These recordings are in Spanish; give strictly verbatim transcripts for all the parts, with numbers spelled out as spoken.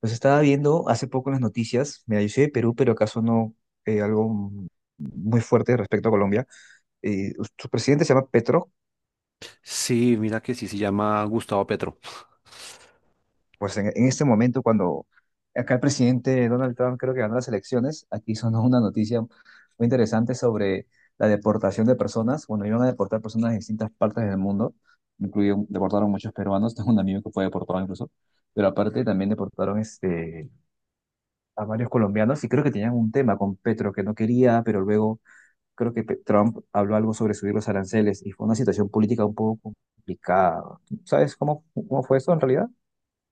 Pues estaba viendo hace poco en las noticias, mira, yo soy de Perú, pero acaso no eh, algo muy fuerte respecto a Colombia. Eh, su presidente se llama Petro, Sí, mira que sí se llama Gustavo Petro. pues en, en este momento cuando acá el presidente Donald Trump creo que ganó las elecciones, aquí sonó una noticia muy interesante sobre la deportación de personas. Bueno, iban a deportar personas de distintas partes del mundo, incluido deportaron muchos peruanos, tengo un amigo que fue deportado incluso, pero aparte también deportaron este, a varios colombianos y creo que tenían un tema con Petro que no quería, pero luego creo que Pe- Trump habló algo sobre subir los aranceles y fue una situación política un poco complicada. ¿Sabes cómo, cómo fue eso en realidad?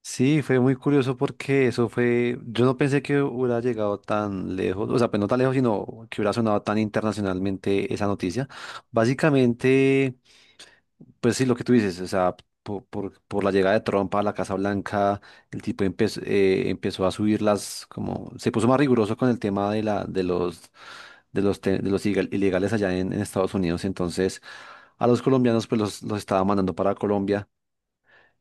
Sí, fue muy curioso porque eso fue, yo no pensé que hubiera llegado tan lejos, o sea, pues no tan lejos, sino que hubiera sonado tan internacionalmente esa noticia. Básicamente... pues sí, lo que tú dices, o sea, po- por, por la llegada de Trump a la Casa Blanca, el tipo empezó, eh, empezó a subir las, como, se puso más riguroso con el tema de la, de los, de los, te- de los ilegal- ilegales allá en, en Estados Unidos. Entonces, a los colombianos, pues los, los estaba mandando para Colombia.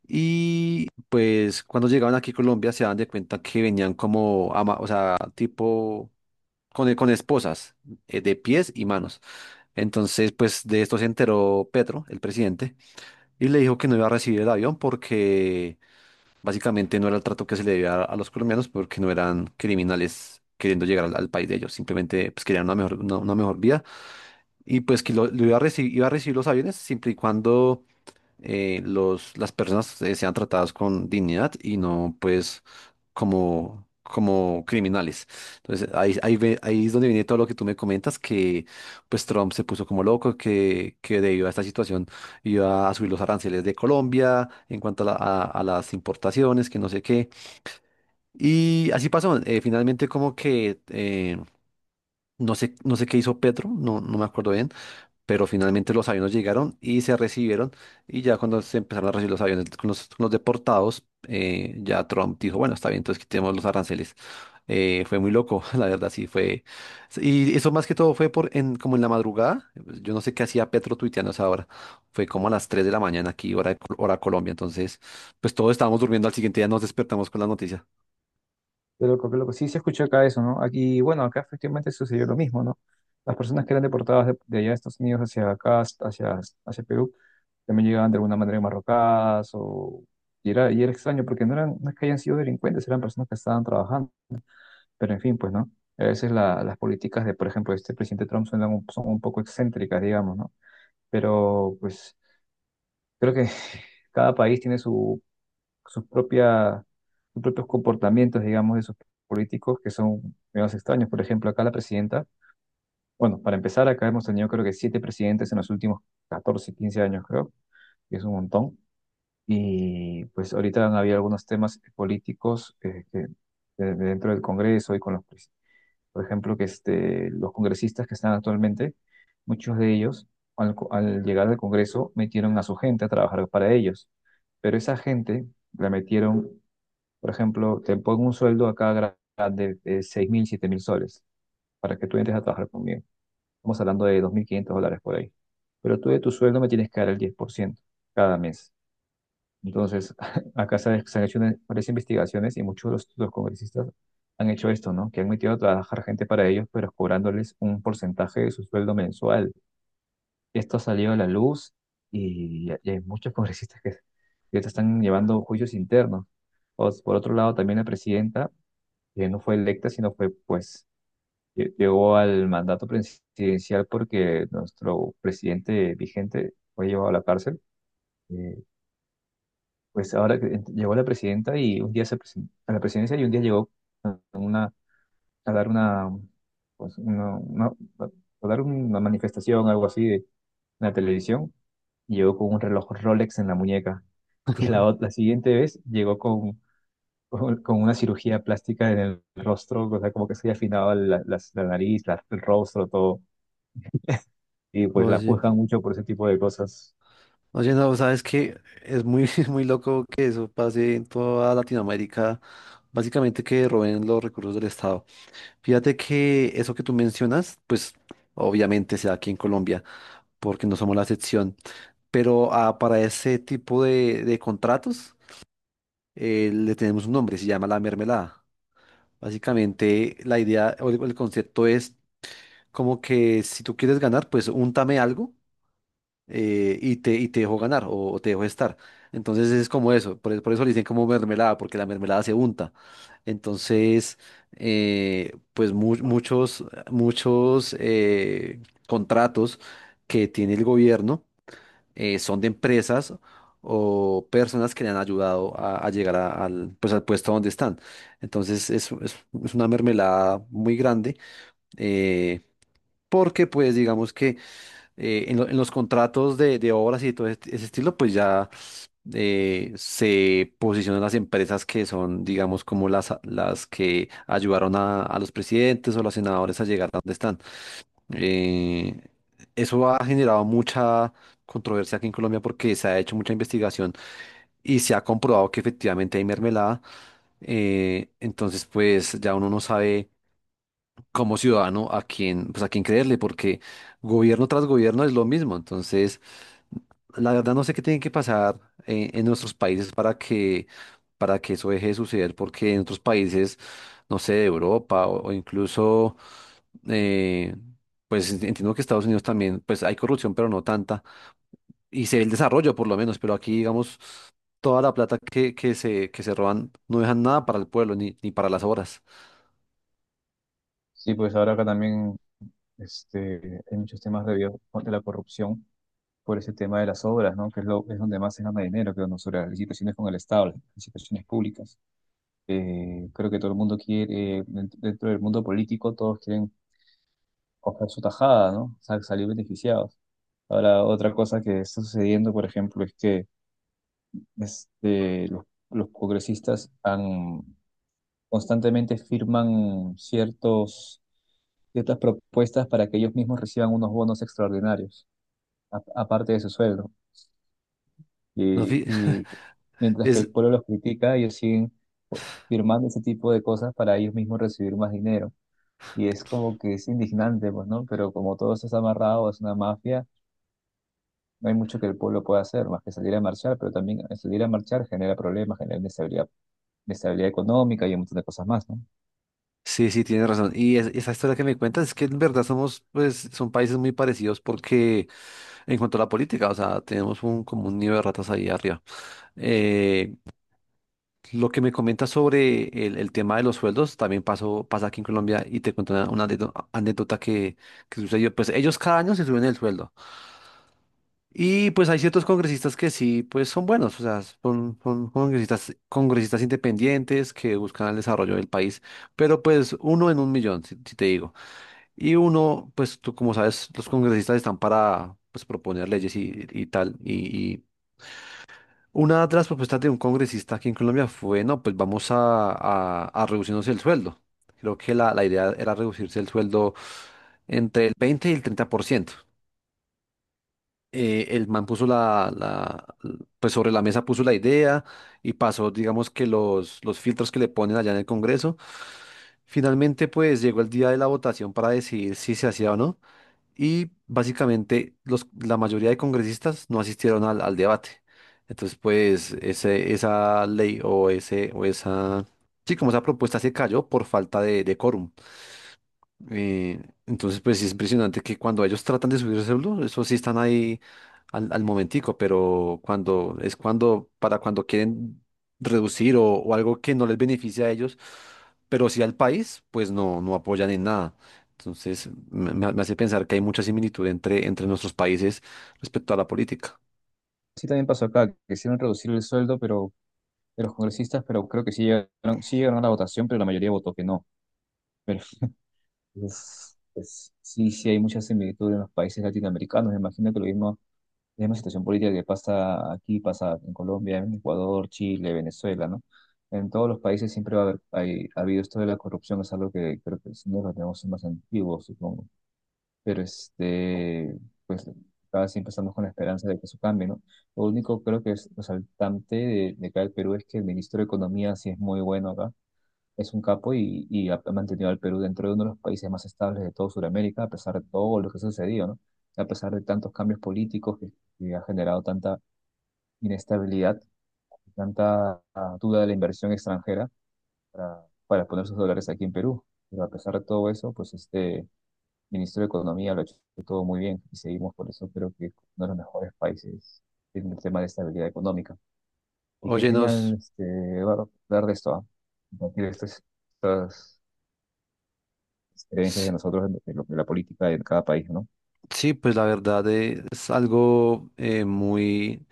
Y pues cuando llegaban aquí a Colombia se daban de cuenta que venían como, ama- o sea, tipo, con, con esposas eh, de pies y manos. Entonces, pues de esto se enteró Petro, el presidente, y le dijo que no iba a recibir el avión porque básicamente no era el trato que se le debía a, a los colombianos, porque no eran criminales queriendo llegar al, al país de ellos, simplemente pues querían una mejor, una, una mejor vida, y pues que lo, lo iba a recibir, iba a recibir los aviones siempre y cuando eh, los, las personas eh, sean tratadas con dignidad y no pues como, como criminales. Entonces ahí, ahí, ve- ahí es donde viene todo lo que tú me comentas, que pues Trump se puso como loco, que, que debido a esta situación iba a subir los aranceles de Colombia en cuanto a, la- a- a las importaciones, que no sé qué. Y así pasó, eh, finalmente como que... eh, no sé, no sé qué hizo Petro, no, no me acuerdo bien, pero finalmente los aviones llegaron y se recibieron, y ya cuando se empezaron a recibir los aviones con los, con los deportados, eh, ya Trump dijo, bueno, está bien, entonces quitemos los aranceles. Eh, fue muy loco, la verdad, sí, fue. Y eso más que todo fue por en, como en la madrugada. Yo no sé qué hacía Petro tuiteando a esa hora, fue como a las tres de la mañana aquí, hora, de Col- hora Colombia, entonces pues todos estábamos durmiendo, al siguiente día nos despertamos con la noticia. Pero lo que, lo que sí se escuchó acá eso, ¿no? Aquí, bueno, acá efectivamente sucedió lo mismo, ¿no? Las personas que eran deportadas de, de allá de Estados Unidos hacia acá, hacia, hacia Perú, también llegaban de alguna manera marrocadas o... Y era, y era extraño porque no, eran, no es que hayan sido delincuentes, eran personas que estaban trabajando. Pero en fin, pues, ¿no? A veces la- las políticas de, por ejemplo, este presidente Trump son, un- son un poco excéntricas, digamos, ¿no? Pero, pues, creo que cada país tiene su, sus propia- sus propios comportamientos, digamos, de sus políticos que son menos extraños. Por ejemplo, acá la presidenta, bueno, para empezar, acá hemos tenido creo que siete presidentes en los últimos catorce quince años, creo, que es un montón. Y pues ahorita han habido algunos temas políticos eh, que, de- de dentro del Congreso y con los, por ejemplo, que este, los congresistas que están actualmente, muchos de ellos, al, co- al llegar al Congreso, metieron a su gente a trabajar para ellos. Pero esa gente la metieron, por ejemplo, te pongo un sueldo acá gra- de, de seis mil, siete mil soles para que tú entres a trabajar conmigo. Estamos hablando de dos mil quinientos dólares por ahí. Pero tú de tu sueldo me tienes que dar el diez por ciento cada mes. Entonces, acá se, han se han hecho una- varias investigaciones y muchos de los, los congresistas han hecho esto, ¿no? Que han metido a trabajar gente para ellos, pero cobrándoles un porcentaje de su sueldo mensual. Esto ha salido a la luz y, y hay muchos congresistas que, que ahorita están llevando juicios internos. O- por otro lado, también la presidenta, que no fue electa, sino fue, pues, lle- llegó al mandato presidencial porque nuestro presidente vigente fue llevado a la cárcel. Eh, Pues ahora que ent- llegó la presidenta y un día se presen- a la presidencia y un día llegó a a dar una, pues, una, una- a dar una manifestación, algo así, de- en la televisión, y llegó con un reloj Rolex en la muñeca. Y la, ot- la siguiente vez llegó con, con, con una cirugía plástica en el rostro, o sea, como que se había afinado la, las- la nariz, la- el rostro, todo. Y pues la Oye, juzgan mucho por ese tipo de cosas. oye, no, sabes que es muy, muy loco que eso pase en toda Latinoamérica, básicamente que roben los recursos del Estado. Fíjate que eso que tú mencionas, pues obviamente se da aquí en Colombia, porque no somos la excepción, pero ah, para ese tipo de, de contratos eh, le tenemos un nombre, se llama la mermelada. Básicamente la idea o el, el concepto es como que si tú quieres ganar, pues úntame algo eh, y te, y te dejó ganar o, o te dejó estar. Entonces es como eso, por, por eso le dicen como mermelada, porque la mermelada se unta. Entonces, eh, pues mu- muchos, muchos eh, contratos que tiene el gobierno eh, son de empresas o personas que le han ayudado a, a llegar a- al, pues, al puesto donde están. Entonces es, es- es una mermelada muy grande, eh, porque pues digamos que eh, en, lo- en los contratos de, de obras y todo este- ese estilo, pues ya eh, se posicionan las empresas que son, digamos, como las, las que ayudaron a, a los presidentes o los senadores a llegar a donde están. Eh, eso ha generado mucha controversia aquí en Colombia porque se ha hecho mucha investigación y se ha comprobado que efectivamente hay mermelada. Eh, entonces, pues ya uno no sabe como ciudadano a quién, pues a quién creerle, porque gobierno tras gobierno es lo mismo. Entonces, la verdad no sé qué tiene que pasar eh, en nuestros países para que, para que eso deje de suceder, porque en otros países, no sé, de Europa o, o incluso, eh, pues ent- entiendo que Estados Unidos también, pues hay corrupción, pero no tanta, y se ve el desarrollo por lo menos, pero aquí, digamos, toda la plata que, que se, que se roban no dejan nada para el pueblo ni, ni para las obras. Sí, pues ahora acá también este, hay muchos temas de, bio- de la corrupción por ese tema de las obras, ¿no? Que es, lo, es donde más se gana dinero, creo, ¿no? Sobre las licitaciones con el Estado, las licitaciones públicas. Eh, creo que todo el mundo quiere, eh, dent- dentro del mundo político, todos quieren coger su tajada, ¿no? Sa- salir beneficiados. Ahora, otra cosa que está sucediendo, por ejemplo, es que este, los, los congresistas han, constantemente firman ciertos, ciertas propuestas para que ellos mismos reciban unos bonos extraordinarios, a- aparte de su sueldo. No, Y, fi- y mientras que es, el pueblo los critica, ellos siguen firmando ese tipo de cosas para ellos mismos recibir más dinero. Y es como que es indignante, pues, ¿no? Pero como todo eso está amarrado, es una mafia, no hay mucho que el pueblo pueda hacer, más que salir a marchar, pero también salir a marchar genera problemas, genera inestabilidad, inestabilidad económica y un montón de cosas más, ¿no? sí, sí, tienes razón. Y es- esa historia que me cuentas es que en verdad somos, pues, son países muy parecidos porque... en cuanto a la política, o sea, tenemos un, como un nido de ratas ahí arriba. Eh, lo que me comentas sobre el, el tema de los sueldos también pasó, pasa aquí en Colombia, y te cuento una, una anécdo- anécdota que, que sucedió. Pues ellos cada año se suben el sueldo. Y pues hay ciertos congresistas que sí, pues son buenos, o sea, son, son congresistas, congresistas independientes que buscan el desarrollo del país, pero pues uno en un millón, si si te digo. Y uno, pues tú como sabes, los congresistas están para pues proponer leyes y, y tal, y una de las propuestas de un congresista aquí en Colombia fue, no, pues vamos a, a, a reducirnos el sueldo. Creo que la, la idea era reducirse el sueldo entre el veinte y el treinta por ciento. Eh, el man puso la, la, pues sobre la mesa puso la idea y pasó, digamos que los, los filtros que le ponen allá en el Congreso. Finalmente, pues llegó el día de la votación para decidir si se hacía o no, y básicamente los, la mayoría de congresistas no asistieron al, al debate. Entonces, pues ese, esa ley o, ese, o esa, sí, como esa propuesta se cayó por falta de, de quórum. Eh, entonces, pues sí es impresionante que cuando ellos tratan de subir el celular, eso sí están ahí al, al momentico, pero cuando es cuando, para cuando quieren reducir o, o algo que no les beneficia a ellos, pero sí al país, pues no, no apoyan en nada. Entonces, me, me- me hace pensar que hay mucha similitud entre, entre nuestros países respecto a la política. Sí, también pasó acá, que quisieron reducir el sueldo pero, de los congresistas, pero creo que sí llegaron, sí llegaron a la votación, pero la mayoría votó que no. Entonces, pues, sí, sí hay mucha similitud en los países latinoamericanos. Me imagino que lo mismo, la misma situación política que pasa aquí, pasa en Colombia, en Ecuador, Chile, Venezuela, ¿no? En todos los países siempre va a haber, hay- ha habido esto de la corrupción, es algo que creo que sí nos lo tenemos más antiguo, supongo. Pero este, pues cada siempre estamos con la esperanza de que eso cambie, ¿no? Lo único creo que es resaltante de, de acá del Perú es que el ministro de Economía sí es muy bueno acá, es un capo y, y ha mantenido al Perú dentro de uno de los países más estables de toda Sudamérica, a pesar de todo lo que ha sucedido, ¿no? A pesar de tantos cambios políticos que, que ha generado tanta inestabilidad, tanta ah, duda de la inversión extranjera para, para poner sus dólares aquí en Perú. Pero a pesar de todo eso, pues este ministro de Economía lo ha hecho todo muy bien y seguimos por eso, creo que es uno de los mejores países en el tema de estabilidad económica. Y qué Oye, genial nos, este, Eduardo, hablar de esto, ¿ah? Compartir estas, estas creencias s- de nosotros, de, lo- de la política de cada país, ¿no? sí, pues la verdad eh, es algo eh, muy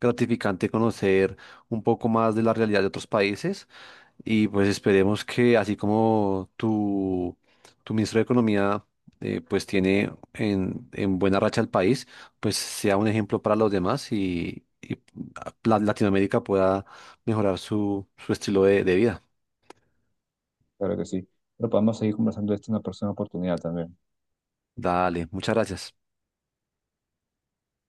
gratificante conocer un poco más de la realidad de otros países. Y pues esperemos que así como tu, tu ministro de Economía eh, pues tiene en, en buena racha el país, pues sea un ejemplo para los demás y, y la- Latinoamérica pueda mejorar su, su estilo de de vida. Claro que sí. Pero podemos seguir conversando de esto en una próxima oportunidad también. Dale, muchas gracias.